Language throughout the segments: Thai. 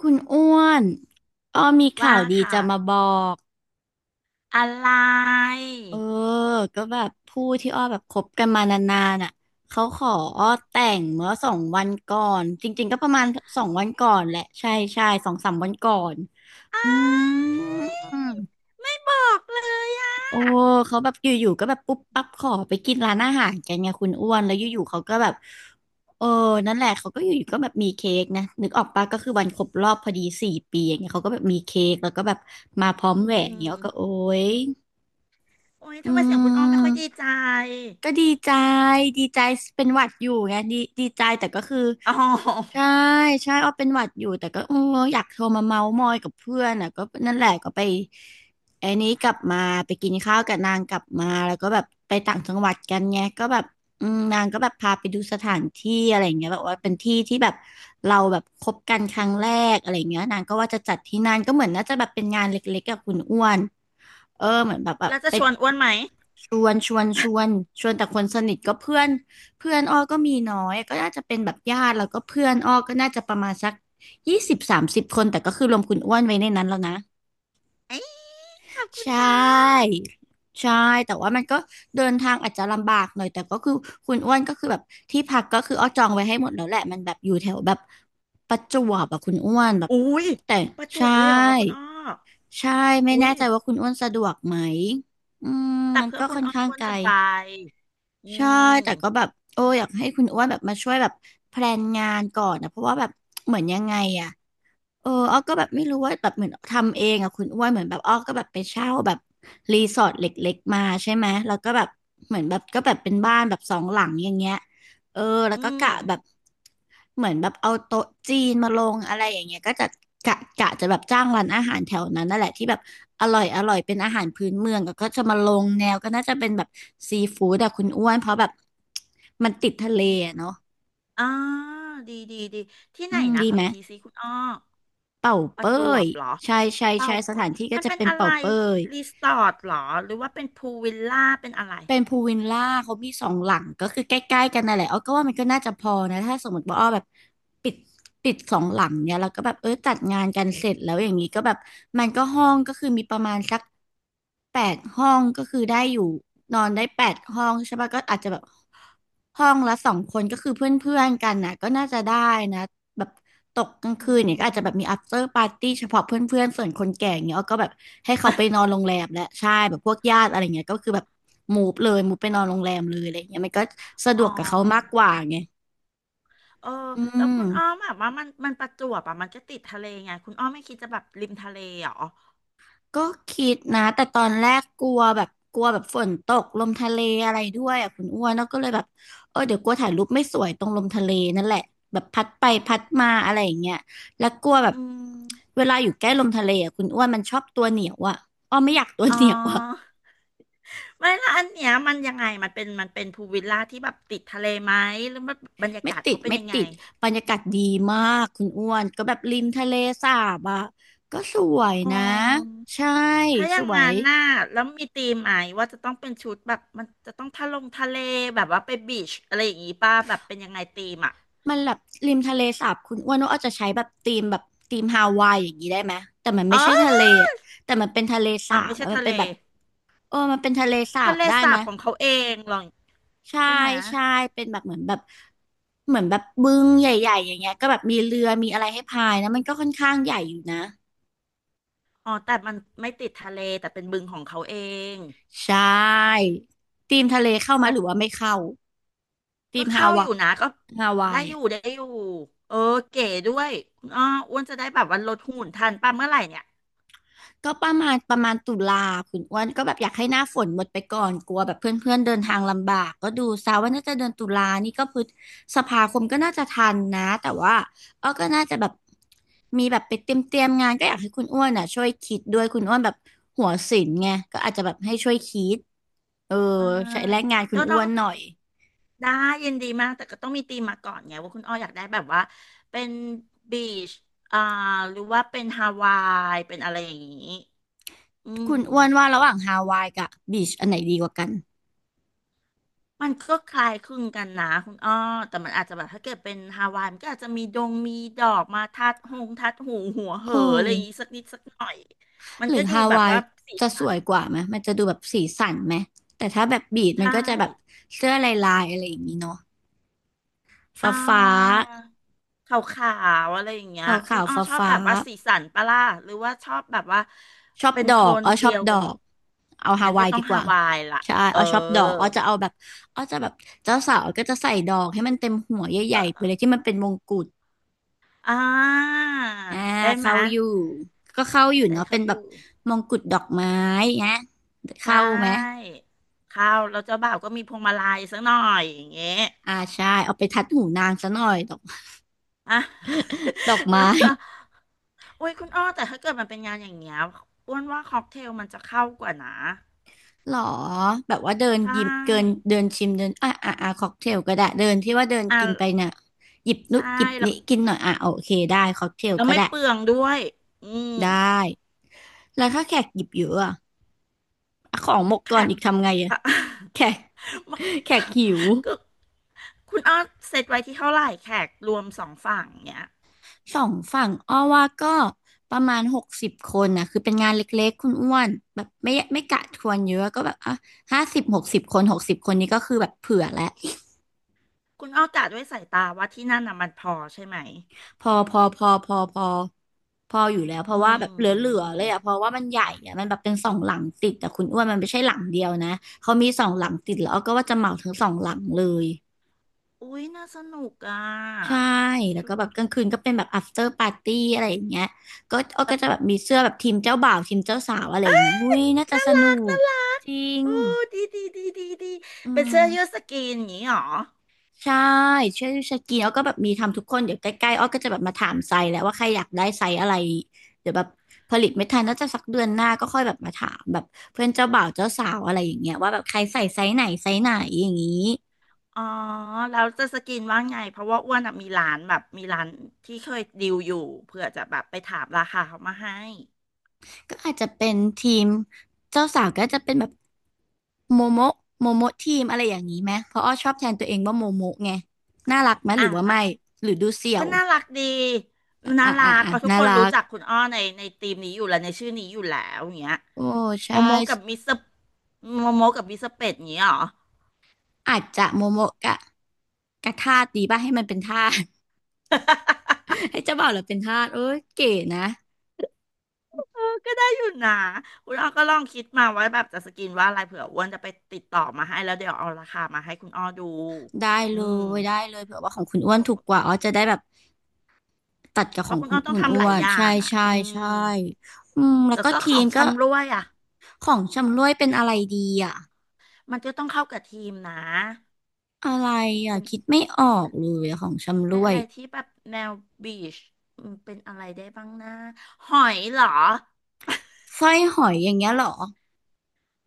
คุณอ้วนอ้อมีว่าข่าวดีค่ะจะมาบอก อะไรเออ ก็แบบผู้ที่อ้อแบบคบกันมานานๆอ่ะ เขาขออ้อแต่งเมื่อสองวันก่อน จริงๆก็ประมาณสองวันก่อนแหละ ใช่ใช่สองสามวันก่อน อ้าอืยม ไม่บอกเลยอ่ะโอ้ เขาแบบอยู่ๆก็แบบปุ๊บปั๊บขอไปกินร้านอาหารกันไงคุณอ้วนแล้วอยู่ๆเขาก็แบบเออนั่นแหละเขาก็อยู่ๆก็แบบมีเค้กนะนึกออกปะก็คือวันครบรอบพอดี4 ปีอย่างเงี้ยเขาก็แบบมีเค้กแล้วก็แบบมาพร้อมอืแหวนเงี้ยก็โอ๊มยโอ้ยทำอืไมเสียงคุณอ้อมไม่ม ค่อยดีใจก็ดีใจดีใจเป็นหวัดอยู่ไงดีใจแต่ก็คืออ๋ใช่อใช่อ้อเป็นหวัดอยู่แต่ก็เอออยากโทรมาเมาท์มอยกับเพื่อนอ่ะก็นั่นแหละก็ไปไอ้นี้กลับมาไปกินข้าวกับนางกลับมาแล้วก็แบบไปต่างจังหวัดกันไงก็แบบอืมนางก็แบบพาไปดูสถานที่อะไรอย่างเงี้ยแบบว่าเป็นที่ที่แบบเราแบบคบกันครั้งแรกอะไรอย่างเงี้ยนางก็ว่าจะจัดที่นั่นก็เหมือนน่าจะแบบเป็นงานเล็กๆกับคุณอ้วนเออเหมือนแบบแบบแล้วจะไป ชวนอ้วนไหมชวนชวนชวนชวนแต่คนสนิทก็เพื่อนเพื่อนอ้อก็มีน้อยก็น่าจะเป็นแบบญาติแล้วก็เพื่อนอ้อก็น่าจะประมาณสัก20 30 คนแต่ก็คือรวมคุณอ้วนไว้ในนั้นแล้วนะเอ้ยขอบคุณใช่ค่ะใช่แต่ว่ามันก็เดินทางอาจจะลำบากหน่อยแต่ก็คือคุณอ้วนก็คือแบบที่พักก็คืออ้อจองไว้ให้หมดแล้วแหละมันแบบอยู่แถวแบบประจวบอะคุณอ้วนแบบอุ้ยแต่ประจวใช่บเลยเหรอคุณอ้อใช่ไม่อุ้แน่ยใจว่าคุณอ้วนสะดวกไหมอืมแต่มันเพื่อก็คุณค่อนอ้อข้างอ้วนไกล จะไปอืใช่มแต่ก็แบบโอ้อยากให้คุณอ้วนแบบมาช่วยแบบแพลนงานก่อนนะเพราะว่าแบบเหมือนยังไงอะ เอออ้อก็แบบไม่รู้ว่าแบบเหมือนทำเองอะคุณอ้วนเหมือนแบบอ้อก็แบบไปเช่าแบบรีสอร์ทเล็กๆมาใช่ไหมแล้วก็แบบเหมือนแบบก็แบบเป็นบ้านแบบสองหลังอย่างเงี้ยเออแล้วอืก็มกะแบบเหมือนแบบเอาโต๊ะจีนมาลงอะไรอย่างเงี้ยก็จะกะจะแบบจ้างร้านอาหารแถวนั้นนั่นแหละที่แบบอร่อยอร่อยเป็นอาหารพื้นเมืองแล้วก็จะมาลงแนวก็น่าจะเป็นแบบซีฟู้ดอะคุณอ้วนเพราะแบบมันติดทะเลออะมเนาะอ่าดีดีดีที่อืไหนมนะดีขอไหม อีกทีสิคุณอ้อ เป่าประเป้จวยบเหรอใช่ใช่เป่าใช่สเป้ถายนที่ก็มันจะเป็นเป็นอะเป่าไรเป้ยรีสอร์ทเหรอหรือว่าเป็นพูลวิลล่าเป็นอะไรเป็นพูลวิลล่าเขามีสองหลังก็คือใกล้ๆกันนั่นแหละอ้อก็ว่ามันก็น่าจะพอนะถ้าสมมติว่าอ้อแบบปิดปิดสองหลังเนี่ยแล้วก็แบบเออจัดงานกันเสร็จแล้วอย่างนี้ก็แบบมันก็ห้องก็คือมีประมาณสักแปดห้องก็คือได้อยู่นอนได้แปดห้องใช่ปะก็อาจจะแบบห้องละสองคนก็คือเพื่อนๆกันนะก็น่าจะได้นะแบบ ตกกลางอืคืนเนี่ยก็อาจจะม แบบมี after party เฉพาะเพื่อนๆส่วนคนแก่อย่างเงี้ยอ้อก็แบบให้เขาไป นอนโรงแรมและใช่แบบพวกญาติอะไรเงี้ยก็คือแบบมูฟเลยมูฟไปอ๋อนอนโรงแรมเลยอะไรเงี้ยมันก็สะดอ๋วกกับเขามากอกว่าไงเอออืแล้วม คุณอ้อมแบบว่ามันมันประจวบอ่ะมันก็ติดทะเลไงคุณอ้อมไม่คิดจะแบบริมทะเลเหรอก็คิดนะแต่ตอนแรกกลัวแบบกลัวแบบฝนตกลมทะเลอะไรด้วยอ่ะคุณอ้วนแล้วก็เลยแบบเออเดี๋ยวกลัวถ่ายรูปไม่สวยตรงลมทะเลนั่นแหละแบบพัดไปพัดมาอะไรอย่างเงี้ยแล้วกลัวแบบอืมเวลาอยู่ใกล้ลมทะเลอ่ะคุณอ้วนมันชอบตัวเหนียวอ่ะอ้อไม่อยากตัวอ๋อเหนียวอ่ะไม่ละอันเนี้ยมันยังไงมันเป็นมันเป็นพูลวิลล่าที่แบบติดทะเลไหมหรือว่าบรรยาไม่กาศติเขาดเป็นไม่ยังไงติดบรรยากาศดีมากคุณอ้วนก็แบบริมทะเลสาบอ่ะก็สวยอ๋อ นะใช่ถ้าอสย่างวงาย นหน้าแล้วมีธีมไหมว่าจะต้องเป็นชุดแบบมันจะต้องทะลงทะเลแบบว่าไปบีชอะไรอย่างงี้ป่ะแบบเป็นยังไงธีมอ่ะมันแบบริมทะเลสาบคุณอ้วนว่าอาจจะใช้แบบธีมแบบธีมฮาวายอย่างนี้ได้ไหมแต่มันไม่อ๋ใช่ทะอเลอะแต่มันเป็นทะเลอ๋สาอไม่บใช่อะมัทะนเลเป็นแบบเออมันเป็นทะเลสาทะบเลได้สาไหมบของเขาเองหรอใช่ใช่ไหมใช่เป็นแบบเหมือนแบบเหมือนแบบบึงใหญ่ๆอย่างเงี้ยก็แบบมีเรือมีอะไรให้พายนะมันก็ค่อนข้างใหญ่อยู่นะอ๋อแต่มันไม่ติดทะเลแต่เป็นบึงของเขาเองใช่ธีมทะเลเข้ามาแล้วหรือว่าไม่เข้าธีก็มฮาเข้าอวายู่นะก็ฮาวาได้ยอยู่อะ ได้อยู่เออเก๋ด้วยอ้ออ้วนจะได้แบบว่าลดหุ่นทันป่ะเมื่อไหร่เนี่ย ก็ประมาณตุลาคุณอ้วนก็แบบอยากให้หน้าฝนหมดไปก่อนกลัวแบบเพื่อนๆเดินทางลำบากก็ดูซะว่าน่าจะเดือนตุลา นี่ก็พฤษภาคมก็น่าจะทันนะแต่ว่าก็น่าจะแบบมีแบบไปเตรียมงานก็อยากให้คุณอ้วนอ่ะช่วยคิดด้วยคุณอ้วนแบบหัวศิลป์ไงก็อาจจะแบบให้ช่วยคิดเอออ่าใช้แรงงานคุณก็อ้ต้อวงนหน่อยได้ยินดีมากแต่ก็ต้องมีธีมมาก่อนไงว่าคุณอ้ออยากได้แบบว่าเป็นบีชอ่าหรือว่าเป็นฮาวายเป็นอะไรอย่างนี้อืมคุณอ้วนว่าระหว่างฮาวายกับบีชอันไหนดีกว่ากันมันก็คล้ายคลึงกันนะคุณอ้อแต่มันอาจจะแบบถ้าเกิดเป็นฮาวายมันก็อาจจะมีดงมีดอกมาทัดหงทัดหูหัวเหโอออะไรอย่างนี้้ สักนิดสักหน่อยมันหรือก็ดูฮาแบบวายว่าสีจะสสัวนยกว่าไหมมันจะดูแบบสีสันไหมแต่ถ้าแบบบีดมันใช่ ก็จะแบบเสื้อลายอะไรอย่างนี้เนาะอ่ฟ้าฟ้าาขาวๆอะไรอย่างเงี้ยขาคุขาณวอ้อฟ้าชอบฟ้าแบบว่าสีสันปะล่ะหรือว่าชอบแบบว่าๆชอบเป็นดโทอกนอ้อชเดีอบยวดกันอหมกดเอาฮางั้นวาก็ยต้อดีงกฮาว่าวายล่ะใช่เออ้ออชอบดอกอ้อจะเอาแบบอ้อจะแบบเจ้าสาวก็จะใส่ดอกให้มันเต็มหัวใหเอญ่ๆไปเลยอที่มันเป็นมงกุฎอ่าอ่าได้ไหมเข้ายอยู่ก็เข้าอยู่ได้เนาะเป็เขานอแบบยู่มงกุฎดอกไม้นะใชเข้าไหม่ข้าวเราเจ้าบ่าวก็มีพวงมาลัยสักหน่อยอย่างเงี้ยอ่าใช่เอาไปทัดหูนางซะหน่อยดอกอ่ะ ดอก ไม้ แล้วก็โอ้ยคุณอ้อแต่ถ้าเกิดมันเป็นงานอย่างเงี้ยอ้วนว่าค็อกเทลมันจะเข้ากว่านะหรอแบบว่าเดินใช่หยิบเกินเดินชิมเดินอ่ะอ่ะอ่ะค็อกเทลก็ได้เดินที่ว่าเดินอ่ะ กินไปเนี่ยหยิบนุใช่ดหยิบแล้วนี้กินหน่อยอ่ะโอเคได้ค็อกเทลแล้วก็ไม่ได้เปลืองด้วยอืมได้แล้วถ้าแขกหยิบเยอะอะอ่ะของหมกแขก่อนก อีกทำไงอะ อ่ะ แขก แขกหิว ก็คุณอ้อเซตไว้ที่เท่าไหร่แขกรวมสองฝั่งเนี่ยสองฝั่งอ้อว่าก็ประมาณหกสิบคนนะคือเป็นงานเล็กๆคุณอ้วนแบบไม่กะทวนเยอะก็แบบอ่ะห้าสิบหกสิบคนหกสิบคนนี้ก็คือแบบเผื่อแล้ว คุณอ้อกะด้วยสายตาว่าที่นั่นน่ะมันพอใช่ไหม พอพออยู่แล้วเพราะอืว่าแบบเหลือมๆเลยอ่ะเพราะว่ามันใหญ่อ่ะมันแบบเป็นสองหลังติดแต่คุณอ้วนมันไม่ใช่หลังเดียวนะเขามีสองหลังติดแล้วก็ว่าจะเหมาทั้งสองหลังเลยอุ้ยน่าสนุกอ่ะใช่แล้วชุก็แบบกลางคืนก็เป็นแบบ after party อะไรอย่างเงี้ยก็อ้อก็จะแบบมีเสื้อแบบทีมเจ้าบ่าวทีมเจ้าสาวอะไรอย่างงี้อุ้ยน่าจะน่าสรันุกกน่ารักจริงโอ้ดีดีดีดีดีอืเป็นเสื้อยืดม สกรีนอย่างนี้หรอ ใช่ช่วยสกรีนแล้วก็แบบมีทำทุกคนเดี๋ยวใกล้ๆอ้อก็จะแบบมาถามไซส์แล้วว่าใครอยากได้ไซส์อะไรเดี๋ยวแบบผลิตไม่ทันน่าจะสักเดือนหน้าก็ค่อยแบบมาถามแบบเพื่อนเจ้าบ่าวเจ้าสาวอะไรอย่างเงี้ยว่าแบบใครใส่ไซส์ไหนไซส์ไหนอย่างนี้อ๋อแล้วจะสกินว่าไง เพราะว่าอ้วนอะมีร้านแบบมีร้านที่เคยดีลอยู่เพื่อจะแบบไปถามราคาเขามาให้ ก็อาจจะเป็นทีมเจ้าสาวก็จะเป็นแบบโมโมะโมโมะทีมอะไรอย่างนี้ไหมเพราะอ้อชอบแทนตัวเองว่าโมโมะไงน่ารักไหมหอ่ะรือว่าแล้วไม่หรือดูเสี่ยก็วน่ารักดีน่าอ่ะรัอ่ะกอ่ะเพราะทุกน่าคนรัรู้กจักคุณอ้อในในทีมนี้อยู่แล้วในชื่อนี้อยู่แล้วอย่างเงี้ยโอ้โมใช่โมกับมิสเตอร์โมโมกับมิสเตอร์เป็ดอย่างเงี้ยเหรอ อาจจะโมโมะกะกะท่าดีป่ะให้มันเป็นท่า ให้เจ้าบ่าวเหราเป็นทาสเอ้ยเก๋นะเออก็ได้อยู่นะคุณอ้อก็ลองคิดมาว่าแบบจะสกินว่าอะไรเผื่ออ้วนจะไปติดต่อมาให้แล้วเดี๋ยวเอาราคามาให้คุณอ้อดูได้อืเลม ได้เลยเผื่อว่าของคุณอ้วนถูกกว่าอ๋อจะได้แบบตัดกับเพขอราะงคุณคุอ้ณอต้องคุณทำหอ้ลาวยนอย่าใช่งอ่ะใช่อืมใช่อืมแล้วแล้วก็ก็ขทีอมงก็ชำร่วยอ่ะ ของชำร่วยเป็นอะไรดีอ่ะมันจะต้องเข้ากับทีมนะอะไรอ่ะเป็นคิดไม่ออกเลยอะของชำเป็ร่นวอะยไรที่แบบแนวบีชอเป็นอะไรได้บ้างนะหอยเหรอ สร้อยหอยอย่างเงี้ยเหรอ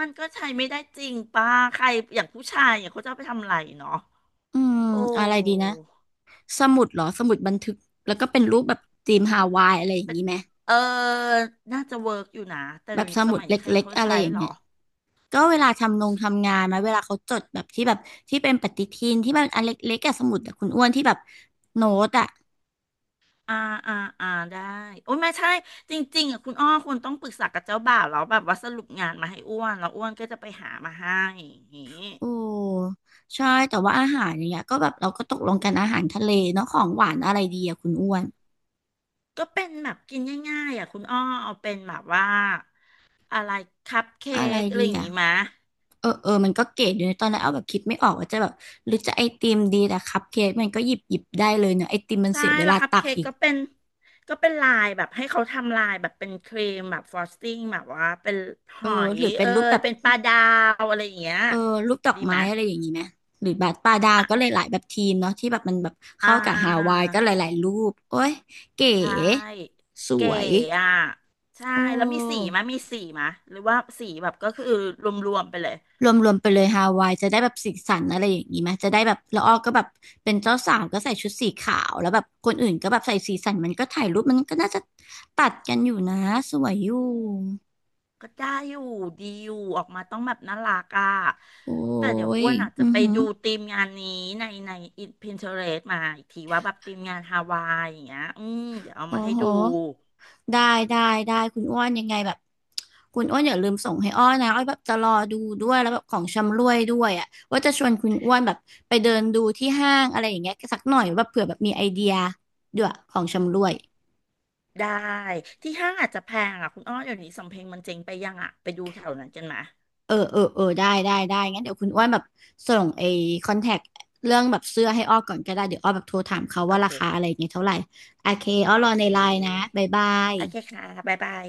มันก็ใช้ไม่ได้จริงป่ะใครอย่างผู้ชายอย่างเขาจะเอาไปทำอะไรเนาะอืมโอ้อะไรดีนะสมุดเหรอสมุดบันทึกแล้วก็เป็นรูปแบบธีมฮาวายอะไรอย่างเป็นนี้ไหมเออน่าจะเวิร์กอยู่นะ แต่แบเดี๋บยวสนี้สมุดมัยเลนี้ใคร็กเขาๆอะไรใช้อย่างเหรอ เงี้ย ก็เวลาทำงานมาเวลาเขาจดแบบที่แบบที่เป็นปฏิทินที่มันอันเล็กๆอะสมุดอะคุณอ้วนที่แบบโน้ตอะอ่าอ่าอ่าได้โอ้ยไม่ใช่จริงๆอ่ะคุณอ้อควรต้องปรึกษากับเจ้าบ่าวแล้วแบบว่าสรุปงานมาให้อ้วนแล้วอ้วนก็จะไปหามาให้อย่างงี้โอ้ใช่แต่ว่าอาหารอย่างเงี้ยก็แบบเราก็ตกลงกันอาหารทะเลเนาะของหวานอะไรดีอะคุณอ้วนก็เป็นแบบกินง่ายๆอ่ะคุณอ้อเอาเป็นแบบว่าอะไรคัพเค้อะไรกอะดีไรอย่างอะงี้มะเออเออมันก็เก๋อยู่ในะตอนแรกเอาแบบคิดไม่ออกว่าจะแบบหรือจะไอติมดีแต่คัพเค้กมันก็หยิบได้เลยเนาะไอติมมันใช่เสียเวแล้วลาคัพตักเค้กอีกก็เป็นลายแบบให้เขาทำลายแบบเป็นครีมแบบฟรอสติ้งแบบว่าเป็นหเอออยหรือเป็เอนรูปยแบบ เป็นปลาดาวอะไรอย่างเงี้ยเออรูปดอกดีไหไม้มะอะไรอย่างนี้ไหมหรือแบาสปลาดาวอ่ะก็หลายๆแบบทีมเนาะที่แบบมันแบบอ่า เข้ากับฮาวายก็หลายๆรูปโอ้ยเก๋ใช่สเก๋วยอ่ะใช่โอแล้วมีสี้มะมีสีมะหรือว่าสีแบบก็คือรวมๆไปเลยรวมๆไปเลยฮาวายจะได้แบบสีสันอะไรอย่างนี้ไหมจะได้แบบละอ้อก็แบบเป็นเจ้าสาวก็ใส่ชุดสีขาวแล้วแบบคนอื่นก็แบบใส่สีสันมันก็ถ่ายรูปมันก็น่าจะตัดกันอยู่นะสวยอยู่ก็ได้อยู่ดีอยู่ออกมาต้องแบบน่ารักอ่ะโอ้แต่เดี๋ยวยอ้วนอาจอืจะอไปหือดูทีมงานนี้ในในอินพินเทอเรสมาอีกทีว่าแบบทีมงานฮาวายอย่างเงี้ยอืมเดี๋ยวเอาโอ้มาให้โห ดูได้ได้ได้คุณอ้วนยังไงแบบคุณอ้วนอย่าลืมส่งให้อ้อนะอ้อแบบจะรอดูด้วยแล้วแบบของชำร่วยด้วยอ่ะว่าจะชวนคุณอ้วนแบบไปเดินดูที่ห้างอะไรอย่างเงี้ยสักหน่อยแบบเผื่อแบบมีไอเดียด้วยของชำร่วยได้ที่ห้างอาจจะแพงอ่ะคุณอ้อเดี๋ยวนี้สำเพ็งมันเจ๊งไปยังอ่ะไปดูแถวนั้นกันมาเออเออเออได้งั้นเดี๋ยวคุณอ้วนแบบส่งไอ้คอนแทคเรื่องแบบเสื้อให้อ้อก่อนก็ได้เดี๋ยวอ้อแบบโทรถามเขาโอว่าราเคคาอะไรอย่างเงี้ยเท่าไหร่โอเคอ้อรโออเคในไลน์นะบ๊ายบายโอเคค่ะบ๊ายบาย